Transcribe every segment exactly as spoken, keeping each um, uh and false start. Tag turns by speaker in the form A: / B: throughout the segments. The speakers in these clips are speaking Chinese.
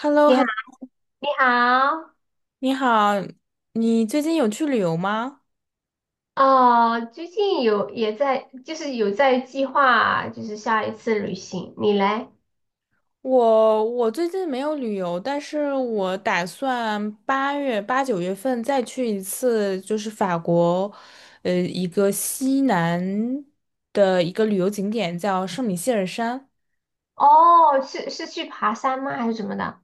A: h e l l o
B: 你
A: h e
B: 好，
A: l l o
B: 你好。
A: 你好，你最近有去旅游吗？
B: 哦，最近有也在，就是有在计划，就是下一次旅行。你来。
A: 我我最近没有旅游，但是我打算八月八九月份再去一次，就是法国，呃，一个西南的一个旅游景点叫圣米歇尔山。
B: 哦，是是去爬山吗？还是怎么的？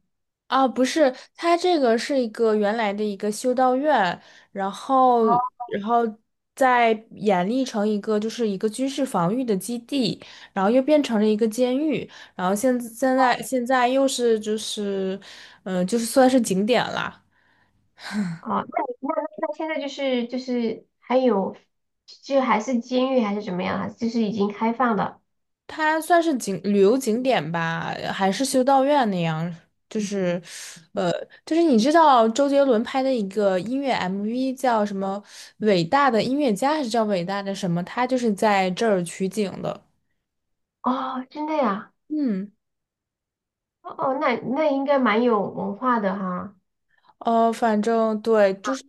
A: 啊，不是，它这个是一个原来的一个修道院，然后，然后再演绎成一个就是一个军事防御的基地，然后又变成了一个监狱，然后现现在现在又是就是，嗯、就是算是景点啦。
B: 哦，那你那那现在就是就是还有，就还是监狱还是怎么样啊？还是就是已经开放的？
A: 它算是景旅游景点吧，还是修道院那样，就是，呃，就是你知道周杰伦拍的一个音乐 M V 叫什么《伟大的音乐家》，还是叫《伟大的什么》？他就是在这儿取景的。
B: 哦，真的呀？
A: 嗯，
B: 哦，那那应该蛮有文化的哈。
A: 呃，反正对，就是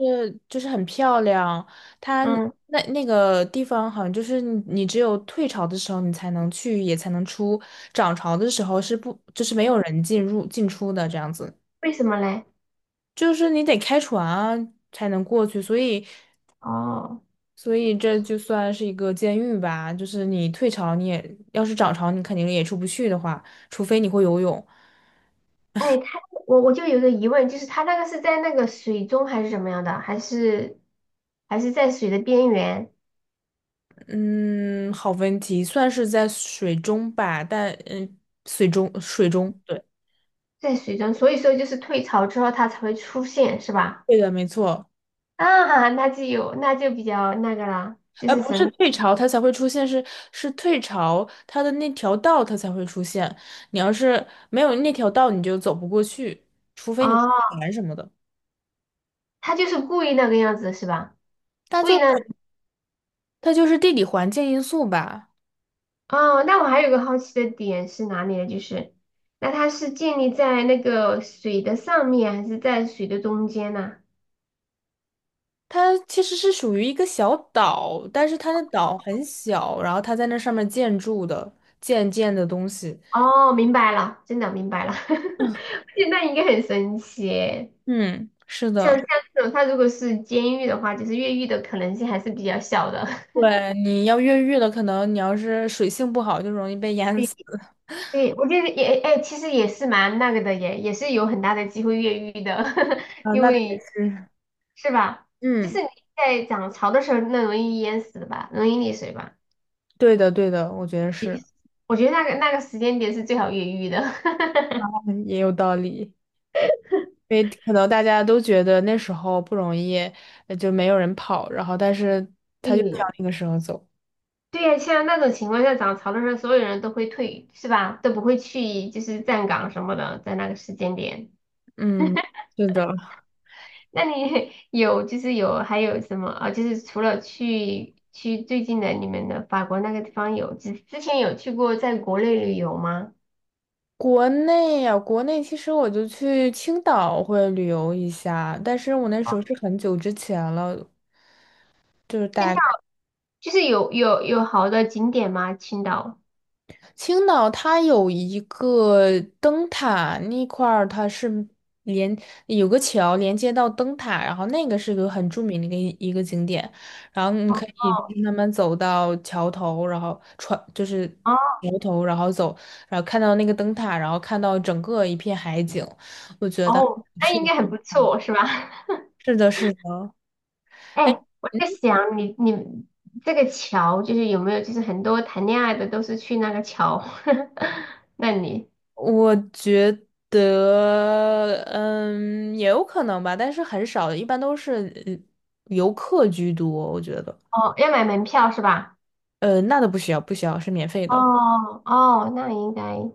A: 就是很漂亮。它
B: 嗯，
A: 那那个地方好像就是你，你只有退潮的时候你才能去，也才能出；涨潮的时候是不，就是没有人进入进出的这样子。
B: 为什么嘞？
A: 就是你得开船啊才能过去，所以，
B: 哦。
A: 所以这就算是一个监狱吧。就是你退潮，你也要是涨潮，你肯定也出不去的话，除非你会游泳。
B: 哎，他我我就有个疑问，就是他那个是在那个水中还是怎么样的，还是还是在水的边缘，
A: 嗯，好问题，算是在水中吧，但嗯，水中水中，对，
B: 在水中，所以说就是退潮之后它才会出现，是吧？
A: 对的，没错。
B: 啊，那就有，那就比较那个了，就
A: 呃，
B: 是
A: 不
B: 神
A: 是退
B: 奇。
A: 潮它才会出现，是是退潮它的那条道它才会出现。你要是没有那条道，你就走不过去，除非你开
B: 哦，
A: 船什么的。
B: 他就是故意那个样子是吧？故
A: 就
B: 意那
A: 是。它就是地理环境因素吧。
B: 哦，那我还有个好奇的点是哪里呢？就是那它是建立在那个水的上面，还是在水的中间呢？
A: 它其实是属于一个小岛，但是它的岛很小，然后它在那上面建筑的，建建的东西。
B: 哦，明白了，真的明白了。现在应该很神奇耶。
A: 嗯，是
B: 像
A: 的，
B: 像这种，他如果是监狱的话，就是越狱的可能性还是比较小的。
A: 对，你要越狱了，可能你要是水性不好，就容易被淹
B: 对，
A: 死。
B: 对，我觉得也，哎，其实也是蛮那个的，也也是有很大的机会越狱的。
A: 啊，
B: 因
A: 那倒也
B: 为
A: 是。
B: 是吧？就
A: 嗯，
B: 是你在涨潮的时候，那容易淹死的吧，容易溺水吧。
A: 对的，对的，我觉得
B: 也就
A: 是，
B: 是我觉得那个那个时间点是最好越狱的。
A: 嗯也有道理。因为可能大家都觉得那时候不容易，呃就没有人跑，然后但是他就想
B: 对，
A: 那个时候走。
B: 对呀，像那种情况下涨潮的时候，所有人都会退，是吧？都不会去，就是站岗什么的，在那个时间点。
A: 嗯，是的。
B: 那你 有就是有还有什么啊？就是除了去去最近的你们的法国那个地方有，之之前有去过在国内旅游吗？
A: 国内呀、国内其实我就去青岛会旅游一下，但是我那时候是很久之前了，就是
B: 青
A: 大
B: 岛
A: 概
B: 就是有有有好的景点吗？青岛？
A: 青岛它有一个灯塔那块儿，它是连有个桥连接到灯塔，然后那个是个很著名的一个一个景点，然后你
B: 哦
A: 可以就
B: 哦
A: 是慢慢走到桥头，然后穿就是桥
B: 哦。
A: 头，然后走，然后看到那个灯塔，然后看到整个一片海景，
B: 哦，那应该很
A: 是
B: 不错，是吧？
A: 是的，是的。
B: 哎，
A: 哎
B: 我在想你你这个桥就是有没有就是很多谈恋爱的都是去那个桥。那你
A: 我觉得，嗯，也有可能吧，但是很少，一般都是呃游客居多，我觉得。
B: 哦，要买门票是吧？
A: 呃，那都不需要，不需要，是免费的。
B: 哦哦，那应该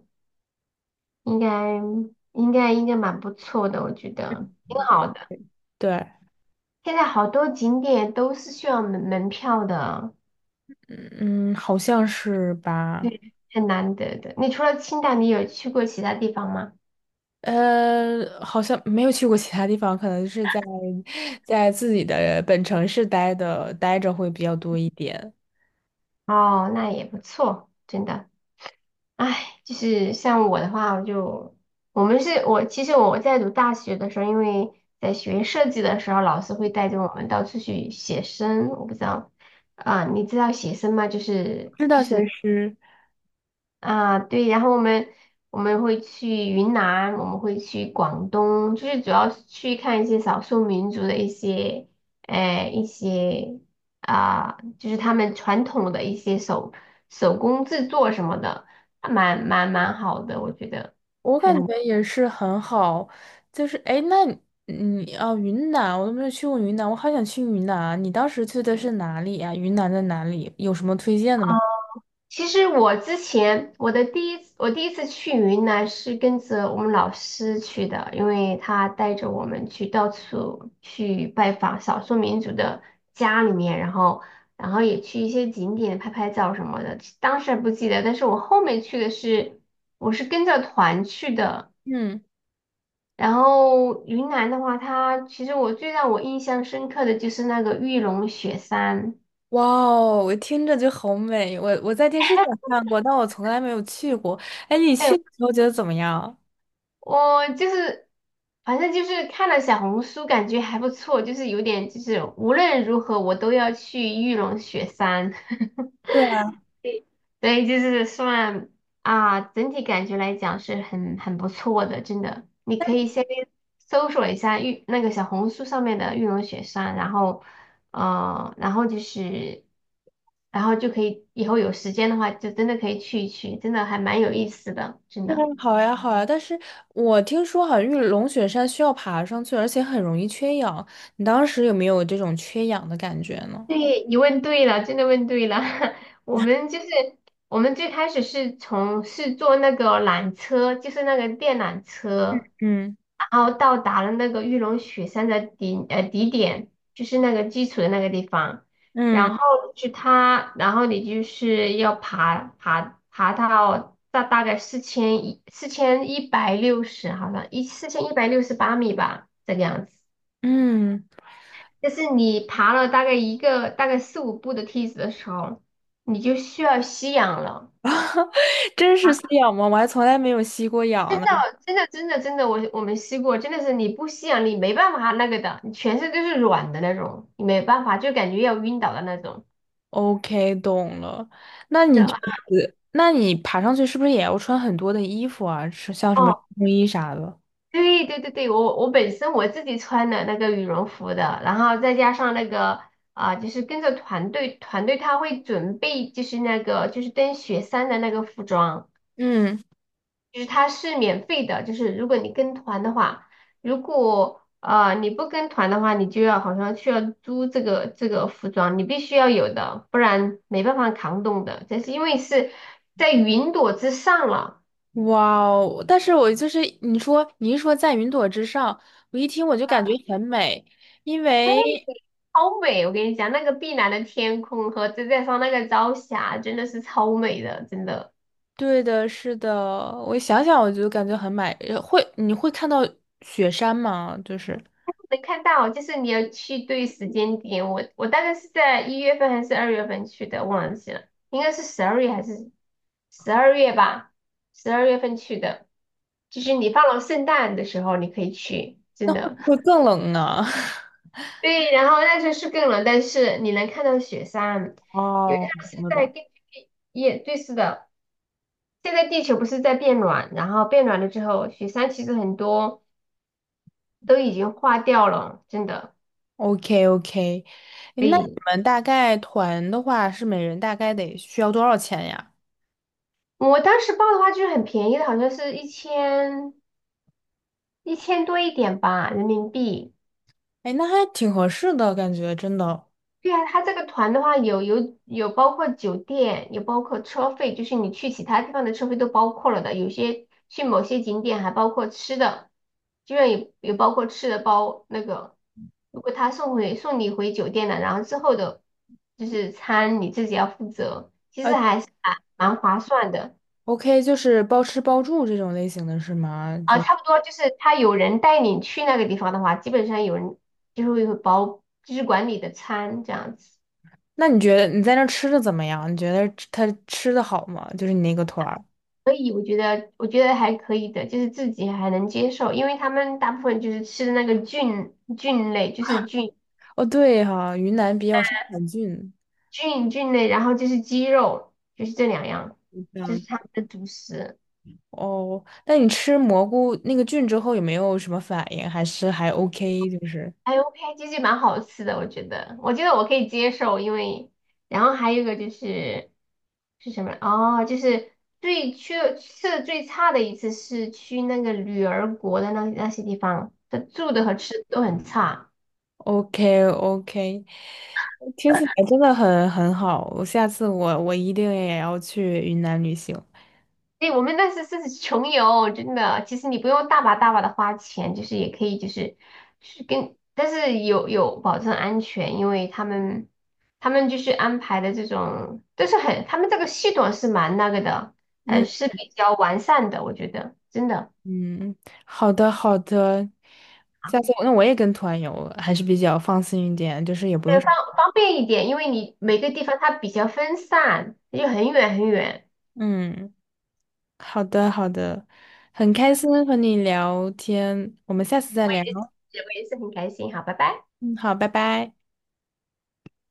B: 应该应该应该蛮不错的，我觉得挺好的。
A: 对，
B: 现在好多景点都是需要门门票的，
A: 嗯，好像是吧。
B: 对，很难得的。你除了青岛，你有去过其他地方吗？
A: 呃，好像没有去过其他地方，可能是在在自己的本城市待的待着会比较多一点。
B: 哦，那也不错，真的。唉，就是像我的话，我就我们是我其实我在读大学的时候，因为在学设计的时候，老师会带着我们到处去写生。我不知道啊，你知道写生吗？就是
A: 知
B: 就
A: 道，其
B: 是
A: 实。
B: 啊，对，然后我们我们会去云南，我们会去广东，就是主要是去看一些少数民族的一些，呃，一些啊、就是他们传统的一些手手工制作什么的，还蛮蛮蛮好的，我觉得。
A: 我感觉也是很好，就是哎，诶那你啊，云南我都没有去过云南，我好想去云南啊。你当时去的是哪里呀？云南在哪里？有什么推荐的吗？
B: 其实我之前我的第一次我第一次去云南是跟着我们老师去的，因为他带着我们去到处去拜访少数民族的家里面，然后然后也去一些景点拍拍照什么的。当时还不记得，但是我后面去的是我是跟着团去的。
A: 嗯，
B: 然后云南的话，它其实我最让我印象深刻的就是那个玉龙雪山。
A: 哇哦，我听着就好美。我我在电视上看过，但我从来没有去过。哎，你去
B: 哎，
A: 的时候觉得怎么样？
B: 我就是，反正就是看了小红书，感觉还不错，就是有点就是无论如何我都要去玉龙雪山。
A: 对啊，
B: 所以就是算啊，整体感觉来讲是很很不错的，真的。你可以先搜索一下玉那个小红书上面的玉龙雪山，然后呃，然后就是，然后就可以以后有时间的话，就真的可以去一去，真的还蛮有意思的，真
A: 对啊，
B: 的。
A: 好呀，好呀。但是我听说好像玉龙雪山需要爬上去，而且很容易缺氧。你当时有没有这种缺氧的感觉呢？
B: 对，你问对了，真的问对了。我们就是我们最开始是从是坐那个缆车，就是那个电缆车，
A: 嗯。
B: 然后到达了那个玉龙雪山的底呃底点，就是那个基础的那个地方。
A: 嗯
B: 然后去它，然后你就是要爬爬爬到大大概四千一四千一百六十，好像一四千一百六十八米吧，这个样子。
A: 嗯。
B: 就是你爬了大概一个大概四五步的梯子的时候，你就需要吸氧了。
A: 真是
B: 啊！
A: 吸氧吗？我还从来没有吸过氧呢。
B: 真的，真的，真的，我我们吸过，真的是你不吸氧，你没办法那个的，你全身都是软的那种，你没办法，就感觉要晕倒的那种。
A: OK，懂了。那
B: 是
A: 你这
B: 的。
A: 次那你爬上去是不是也要穿很多的衣服啊？是像 什么冲
B: 哦，
A: 锋衣啥的？
B: 对对对对，我我本身我自己穿的那个羽绒服的，然后再加上那个啊、就是跟着团队，团队他会准备就是那个就是登雪山的那个服装。
A: 嗯，
B: 就是它是免费的，就是如果你跟团的话，如果呃你不跟团的话，你就要好像需要租这个这个服装，你必须要有的，不然没办法扛冻的。这是因为是在云朵之上了。
A: 哇哦！但是我就是你说，你一说在云朵之上，我一听我就感觉很美，因为
B: 超美！我跟你讲，那个碧蓝的天空和再加上那个朝霞，真的是超美的，真的。
A: 对的，是的，我想想我就感觉很美。呃会，你会看到雪山吗？就是
B: 能看到，就是你要去对时间点。我我大概是在一月份还是二月份去的，忘记了，应该是十二月还是十二月吧，十二月份去的。就是你放了圣诞的时候，你可以去，真的。
A: 会更冷呢。
B: 对，然后那时候是更冷，但是你能看到雪山，因为
A: 哦，
B: 它是
A: 懂了懂
B: 在
A: 了
B: 根据也对，是的。现在地球不是在变暖，然后变暖了之后，雪山其实很多都已经化掉了，真的。
A: OK OK，那你
B: 对。
A: 们大概团的话是每人大概得需要多少钱呀？
B: 我当时报的话就是很便宜的，好像是一千一千多一点吧，人民币。
A: 哎，那还挺合适的感觉，真的。
B: 对啊，他这个团的话有有有包括酒店，有包括车费，就是你去其他地方的车费都包括了的。有些去某些景点还包括吃的，居然有有包括吃的包那个。如果他送回送你回酒店了，然后之后的就是餐你自己要负责，其实
A: 呃
B: 还是蛮划算的。
A: ，OK，就是包吃包住这种类型的是吗？
B: 啊，
A: 就
B: 差不多就是他有人带你去那个地方的话，基本上有人就是会会包，就是管理的餐这样子。
A: 那你觉得你在那儿吃的怎么样？你觉得他吃的好吗？就是你那个团儿。
B: 所以我觉得，我觉得还可以的，就是自己还能接受，因为他们大部分就是吃的那个菌菌类，就是菌
A: 哦，对哈，云南比较生产菌，
B: 菌菌类，然后就是鸡肉，就是这两样，
A: 这
B: 这是
A: 样。
B: 他们的主食。
A: 哦，那你吃蘑菇那个菌之后有没有什么反应？还是还 OK？就是。
B: 哎，OK，其实蛮好吃的，我觉得，我觉得我可以接受，因为，然后还有一个就是是什么？哦，就是最去吃的最差的一次是去那个女儿国的那那些地方，这住的和吃的都很差。
A: o k o k 听起来真的很很好，我下次我我一定也要去云南旅行。
B: 对，我们那是是穷游，真的。其实你不用大把大把的花钱，就是也可以，就是是跟，但是有有保证安全，因为他们他们就是安排的这种，都是很，他们这个系统是蛮那个的，呃，
A: 嗯
B: 是比较完善的，我觉得真的，
A: 嗯，好的好的，下次我那我也跟团游，还是比较放心一点，就是也不
B: 对，
A: 用什
B: 方
A: 么。
B: 方便一点，因为你每个地方它比较分散，又很远很远。
A: 嗯，好的好的，很开心和你聊天，我们下次再
B: 我
A: 聊。
B: 也是，我也是很开心，好，拜拜。
A: 嗯，好，拜拜。